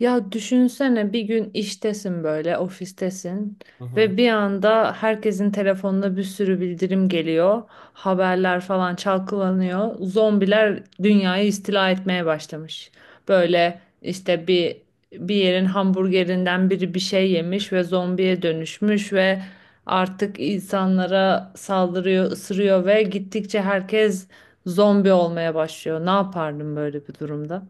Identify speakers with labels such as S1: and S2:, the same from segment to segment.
S1: Ya düşünsene bir gün iştesin böyle ofistesin
S2: Hı hı.
S1: ve bir anda herkesin telefonuna bir sürü bildirim geliyor. Haberler falan çalkalanıyor. Zombiler dünyayı istila etmeye başlamış. Böyle işte bir yerin hamburgerinden biri bir şey yemiş ve zombiye dönüşmüş ve artık insanlara saldırıyor, ısırıyor ve gittikçe herkes zombi olmaya başlıyor. Ne yapardım böyle bir durumda?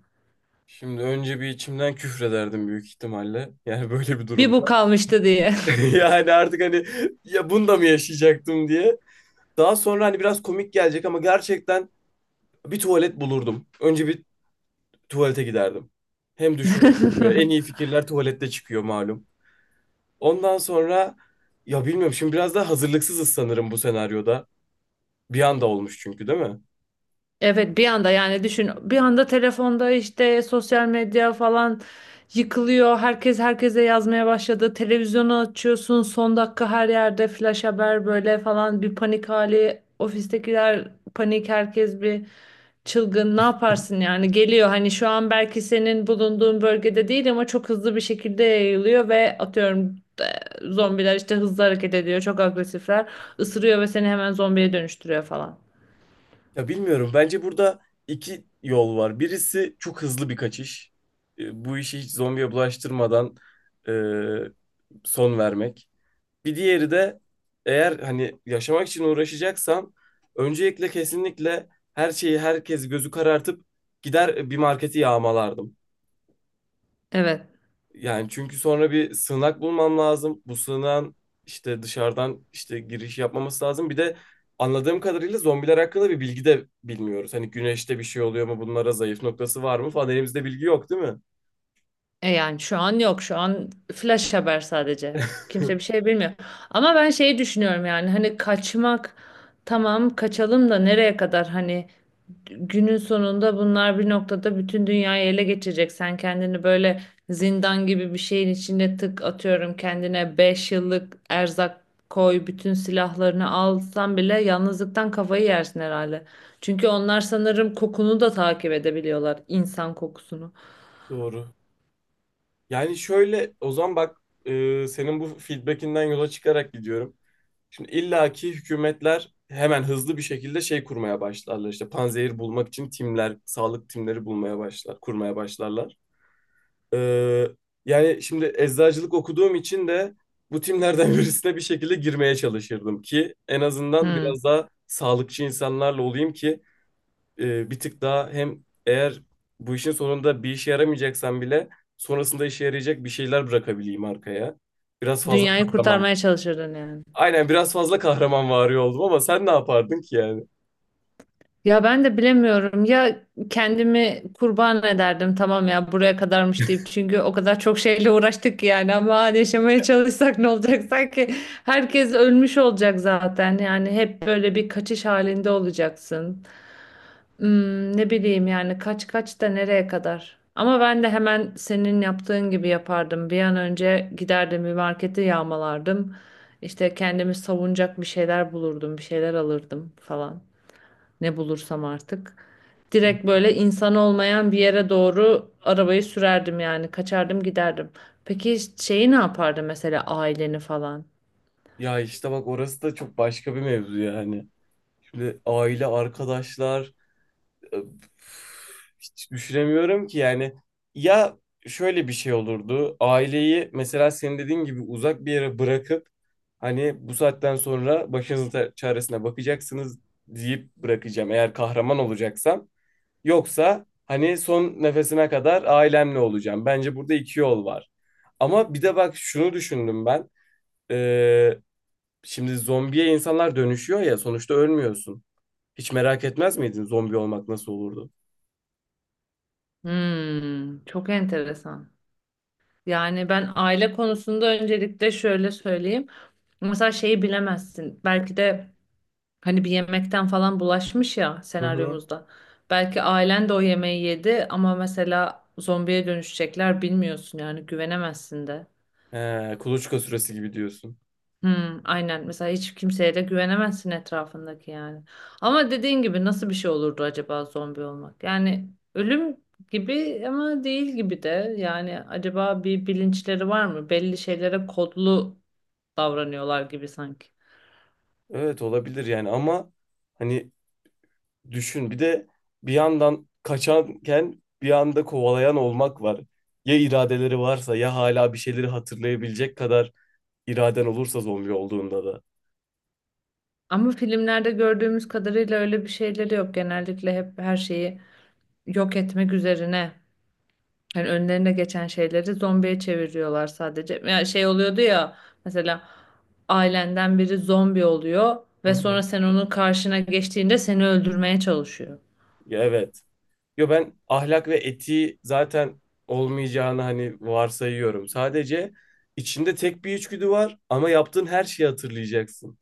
S2: Şimdi önce bir içimden küfrederdim büyük ihtimalle. Yani böyle bir
S1: Bir bu
S2: durumda.
S1: kalmıştı diye.
S2: Yani artık ya bunu da mı yaşayacaktım diye. Daha sonra hani biraz komik gelecek ama gerçekten bir tuvalet bulurdum. Önce bir tuvalete giderdim. Hem düşünürdüm. Böyle en iyi fikirler tuvalette çıkıyor malum. Ondan sonra ya bilmiyorum, şimdi biraz daha hazırlıksızız sanırım bu senaryoda. Bir anda olmuş çünkü, değil mi?
S1: Evet, bir anda yani düşün bir anda telefonda işte sosyal medya falan yıkılıyor. Herkes herkese yazmaya başladı. Televizyonu açıyorsun son dakika her yerde flash haber böyle falan bir panik hali. Ofistekiler panik herkes bir çılgın ne yaparsın yani geliyor hani şu an belki senin bulunduğun bölgede değil ama çok hızlı bir şekilde yayılıyor ve atıyorum zombiler işte hızlı hareket ediyor çok agresifler ısırıyor ve seni hemen zombiye dönüştürüyor falan.
S2: Ya bilmiyorum. Bence burada iki yol var. Birisi çok hızlı bir kaçış. Bu işi hiç zombiye bulaştırmadan son vermek. Bir diğeri de eğer hani yaşamak için uğraşacaksam öncelikle kesinlikle her şeyi, herkes gözü karartıp gider bir marketi yağmalardım.
S1: Evet.
S2: Yani çünkü sonra bir sığınak bulmam lazım. Bu sığınağın işte dışarıdan işte giriş yapmaması lazım. Bir de anladığım kadarıyla zombiler hakkında bir bilgi de bilmiyoruz. Hani güneşte bir şey oluyor mu? Bunlara zayıf noktası var mı falan. Elimizde bilgi yok, değil mi?
S1: E yani şu an yok. Şu an flash haber sadece. Kimse bir şey bilmiyor. Ama ben şeyi düşünüyorum yani hani kaçmak tamam kaçalım da nereye kadar hani günün sonunda bunlar bir noktada bütün dünyayı ele geçirecek. Sen kendini böyle zindan gibi bir şeyin içine tık atıyorum kendine 5 yıllık erzak koy bütün silahlarını alsan bile yalnızlıktan kafayı yersin herhalde. Çünkü onlar sanırım kokunu da takip edebiliyorlar, insan kokusunu.
S2: Doğru. Yani şöyle o zaman bak, senin bu feedbackinden yola çıkarak gidiyorum. Şimdi illaki hükümetler hemen hızlı bir şekilde şey kurmaya başlarlar. İşte panzehir bulmak için timler, sağlık timleri bulmaya başlar, kurmaya başlarlar. Ee, Yani şimdi eczacılık okuduğum için de bu timlerden birisine bir şekilde girmeye çalışırdım ki en azından
S1: Hmm.
S2: biraz daha sağlıkçı insanlarla olayım ki bir tık daha, hem eğer bu işin sonunda bir işe yaramayacaksan bile sonrasında işe yarayacak bir şeyler bırakabileyim arkaya. Biraz fazla
S1: Dünyayı
S2: kahraman.
S1: kurtarmaya çalışırdın yani.
S2: Aynen, biraz fazla kahraman vari oldum, ama sen ne yapardın ki yani?
S1: Ya ben de bilemiyorum. Ya kendimi kurban ederdim tamam ya buraya kadarmış deyip. Çünkü o kadar çok şeyle uğraştık ki yani ama hani yaşamaya çalışsak ne olacak? Sanki herkes ölmüş olacak zaten. Yani hep böyle bir kaçış halinde olacaksın. Hmm, ne bileyim yani kaç kaç da nereye kadar? Ama ben de hemen senin yaptığın gibi yapardım. Bir an önce giderdim bir marketi yağmalardım. İşte kendimi savunacak bir şeyler bulurdum, bir şeyler alırdım falan. Ne bulursam artık. Direkt böyle insan olmayan bir yere doğru arabayı sürerdim yani kaçardım giderdim. Peki şeyi ne yapardı mesela aileni falan?
S2: Ya işte bak, orası da çok başka bir mevzu yani. Şimdi aile, arkadaşlar, Ö, hiç düşünemiyorum ki yani, ya şöyle bir şey olurdu: aileyi mesela senin dediğin gibi uzak bir yere bırakıp hani bu saatten sonra başınızın çaresine bakacaksınız deyip bırakacağım eğer kahraman olacaksam, yoksa hani son nefesine kadar ailemle olacağım. Bence burada iki yol var. Ama bir de bak şunu düşündüm ben, Ee, şimdi zombiye insanlar dönüşüyor ya, sonuçta ölmüyorsun. Hiç merak etmez miydin zombi olmak nasıl olurdu?
S1: Hmm, çok enteresan. Yani ben aile konusunda öncelikle şöyle söyleyeyim. Mesela şeyi bilemezsin. Belki de hani bir yemekten falan bulaşmış ya
S2: Hı hı.
S1: senaryomuzda. Belki ailen de o yemeği yedi ama mesela zombiye dönüşecekler bilmiyorsun yani güvenemezsin de.
S2: He, kuluçka süresi gibi diyorsun.
S1: Hmm, aynen mesela hiç kimseye de güvenemezsin etrafındaki yani. Ama dediğin gibi nasıl bir şey olurdu acaba zombi olmak? Yani ölüm gibi ama değil gibi de yani acaba bir bilinçleri var mı? Belli şeylere kodlu davranıyorlar gibi sanki.
S2: Evet, olabilir yani ama hani düşün bir de, bir yandan kaçanken bir anda kovalayan olmak var. Ya iradeleri varsa, ya hala bir şeyleri hatırlayabilecek kadar iraden olursa zombi olduğunda da.
S1: Ama filmlerde gördüğümüz kadarıyla öyle bir şeyleri yok. Genellikle hep her şeyi yok etmek üzerine yani önlerine geçen şeyleri zombiye çeviriyorlar sadece. Yani şey oluyordu ya mesela ailenden biri zombi oluyor
S2: Hı
S1: ve sonra
S2: hı.
S1: sen onun karşına geçtiğinde seni öldürmeye çalışıyor.
S2: Ya evet. Yo, ben ahlak ve etiği zaten olmayacağını hani varsayıyorum. Sadece içinde tek bir içgüdü var ama yaptığın her şeyi hatırlayacaksın.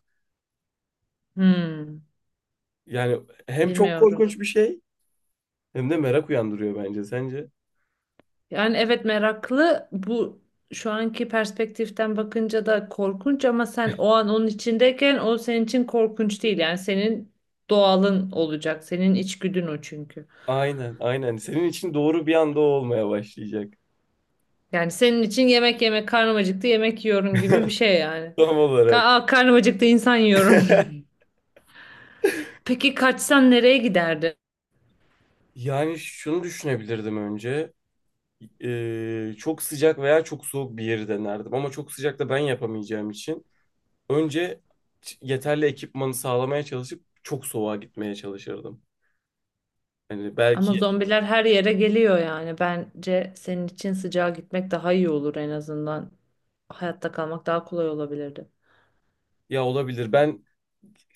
S1: Hmm,
S2: Yani hem çok
S1: bilmiyorum.
S2: korkunç bir şey, hem de merak uyandırıyor bence. Sence?
S1: Yani evet meraklı bu şu anki perspektiften bakınca da korkunç ama sen o an onun içindeyken o senin için korkunç değil. Yani senin doğalın olacak. Senin içgüdün o çünkü.
S2: Aynen, aynen. Senin için doğru, bir anda o olmaya başlayacak.
S1: Yani senin için yemek yemek karnım acıktı yemek yiyorum gibi bir şey yani.
S2: Tam olarak.
S1: Karnım acıktı insan yiyorum. Peki kaçsan nereye giderdin?
S2: Yani şunu düşünebilirdim önce. Çok sıcak veya çok soğuk bir yeri denerdim. Ama çok sıcak da ben yapamayacağım için önce yeterli ekipmanı sağlamaya çalışıp çok soğuğa gitmeye çalışırdım. Yani
S1: Ama
S2: belki
S1: zombiler her yere geliyor yani. Bence senin için sıcağa gitmek daha iyi olur en azından. Hayatta kalmak daha kolay olabilirdi.
S2: ya, olabilir. Ben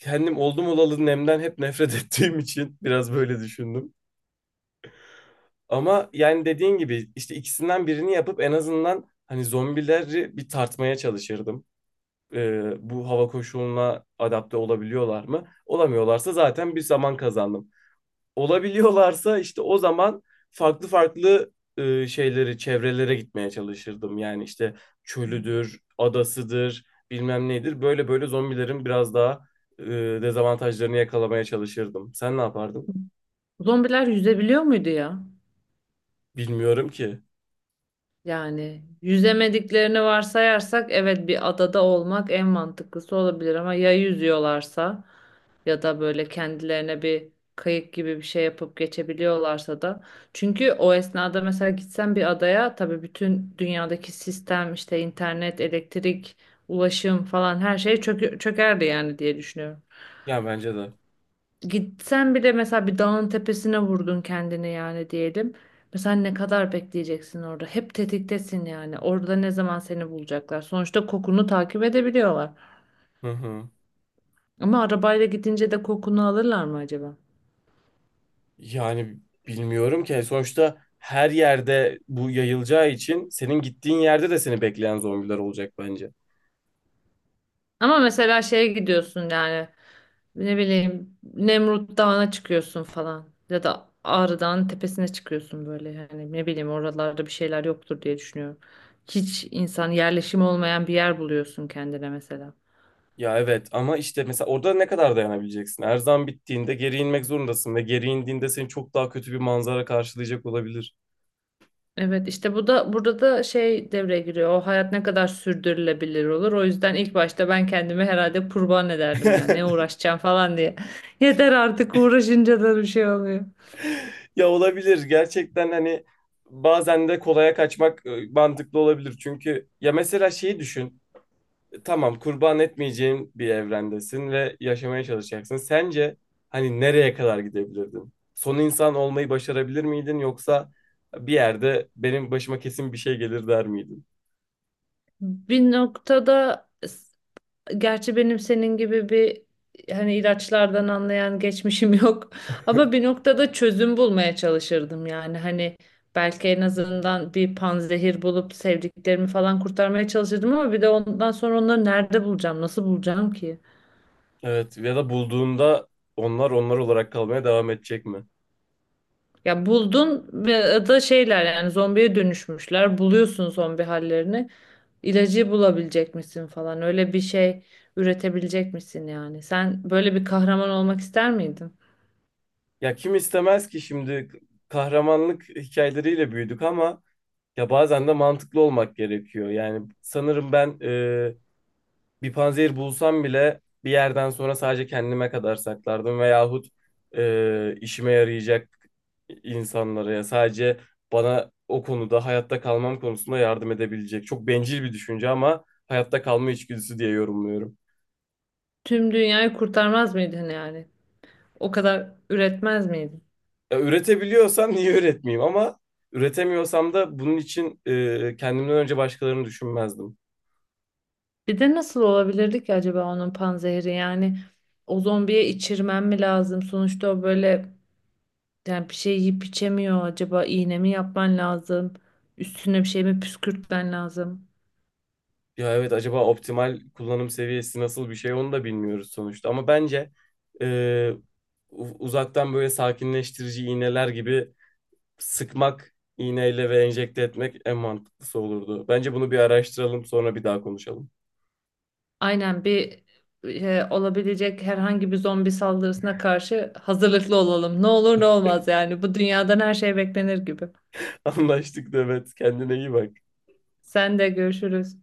S2: kendim oldum olalı nemden hep nefret ettiğim için biraz böyle düşündüm. Ama yani dediğin gibi işte ikisinden birini yapıp en azından hani zombileri bir tartmaya çalışırdım. Bu hava koşuluna adapte olabiliyorlar mı? Olamıyorlarsa zaten bir zaman kazandım. Olabiliyorlarsa işte o zaman farklı farklı şeyleri, çevrelere gitmeye çalışırdım. Yani işte çölüdür, adasıdır, bilmem nedir. Böyle böyle zombilerin biraz daha e, dezavantajlarını yakalamaya çalışırdım. Sen ne yapardın?
S1: Zombiler yüzebiliyor muydu ya?
S2: Bilmiyorum ki.
S1: Yani yüzemediklerini varsayarsak evet bir adada olmak en mantıklısı olabilir ama ya yüzüyorlarsa ya da böyle kendilerine bir kayık gibi bir şey yapıp geçebiliyorlarsa da çünkü o esnada mesela gitsen bir adaya tabii bütün dünyadaki sistem işte internet, elektrik, ulaşım falan her şey çökerdi yani diye düşünüyorum.
S2: Ya bence de.
S1: Gitsen bile mesela bir dağın tepesine vurdun kendini yani diyelim. Mesela ne kadar bekleyeceksin orada? Hep tetiktesin yani. Orada ne zaman seni bulacaklar? Sonuçta kokunu takip edebiliyorlar.
S2: Hı hı.
S1: Ama arabayla gidince de kokunu alırlar mı acaba?
S2: Yani bilmiyorum ki. Hani sonuçta her yerde bu yayılacağı için senin gittiğin yerde de seni bekleyen zombiler olacak bence.
S1: Ama mesela şeye gidiyorsun yani ne bileyim Nemrut Dağı'na çıkıyorsun falan. Ya da Ağrı Dağı'nın tepesine çıkıyorsun böyle. Yani ne bileyim oralarda bir şeyler yoktur diye düşünüyorum. Hiç insan yerleşimi olmayan bir yer buluyorsun kendine mesela.
S2: Ya evet, ama işte mesela orada ne kadar dayanabileceksin? Her zaman bittiğinde geri inmek zorundasın ve geri indiğinde seni çok daha kötü bir manzara karşılayacak olabilir.
S1: Evet işte bu da burada da şey devreye giriyor. O hayat ne kadar sürdürülebilir olur. O yüzden ilk başta ben kendimi herhalde kurban ederdim ya. Ne uğraşacağım falan diye. Yeter artık uğraşınca da bir şey oluyor.
S2: Ya olabilir, gerçekten hani bazen de kolaya kaçmak mantıklı olabilir. Çünkü ya mesela şeyi düşün, tamam kurban etmeyeceğin bir evrendesin ve yaşamaya çalışacaksın. Sence hani nereye kadar gidebilirdin? Son insan olmayı başarabilir miydin, yoksa bir yerde benim başıma kesin bir şey gelir der miydin?
S1: Bir noktada gerçi benim senin gibi bir hani ilaçlardan anlayan geçmişim yok. Ama bir noktada çözüm bulmaya çalışırdım yani. Hani belki en azından bir panzehir bulup sevdiklerimi falan kurtarmaya çalışırdım ama bir de ondan sonra onları nerede bulacağım, nasıl bulacağım ki?
S2: Evet, ya da bulduğunda onlar olarak kalmaya devam edecek mi?
S1: Ya buldun ve da şeyler yani zombiye dönüşmüşler. Buluyorsun zombi hallerini. İlacı bulabilecek misin falan. Öyle bir şey üretebilecek misin yani? Sen böyle bir kahraman olmak ister miydin?
S2: Ya kim istemez ki şimdi, kahramanlık hikayeleriyle büyüdük ama ya bazen de mantıklı olmak gerekiyor. Yani sanırım ben bir panzehir bulsam bile bir yerden sonra sadece kendime kadar saklardım, veyahut işime yarayacak insanlara, ya sadece bana o konuda, hayatta kalmam konusunda yardım edebilecek. Çok bencil bir düşünce ama hayatta kalma içgüdüsü diye yorumluyorum.
S1: Tüm dünyayı kurtarmaz mıydın yani? O kadar üretmez miydin?
S2: Ya, üretebiliyorsam niye üretmeyeyim, ama üretemiyorsam da bunun için kendimden önce başkalarını düşünmezdim.
S1: Bir de nasıl olabilirdi ki acaba onun panzehri? Yani o zombiye içirmen mi lazım? Sonuçta o böyle yani bir şey yiyip içemiyor. Acaba iğne mi yapman lazım? Üstüne bir şey mi püskürtmen lazım?
S2: Ya evet, acaba optimal kullanım seviyesi nasıl bir şey, onu da bilmiyoruz sonuçta. Ama bence e, uzaktan böyle sakinleştirici iğneler gibi sıkmak iğneyle ve enjekte etmek en mantıklısı olurdu. Bence bunu bir araştıralım, sonra bir daha konuşalım.
S1: Aynen bir olabilecek herhangi bir zombi saldırısına karşı hazırlıklı olalım. Ne olur ne olmaz yani. Bu dünyadan her şey beklenir gibi.
S2: Anlaştık Demet. Kendine iyi bak.
S1: Sen de görüşürüz.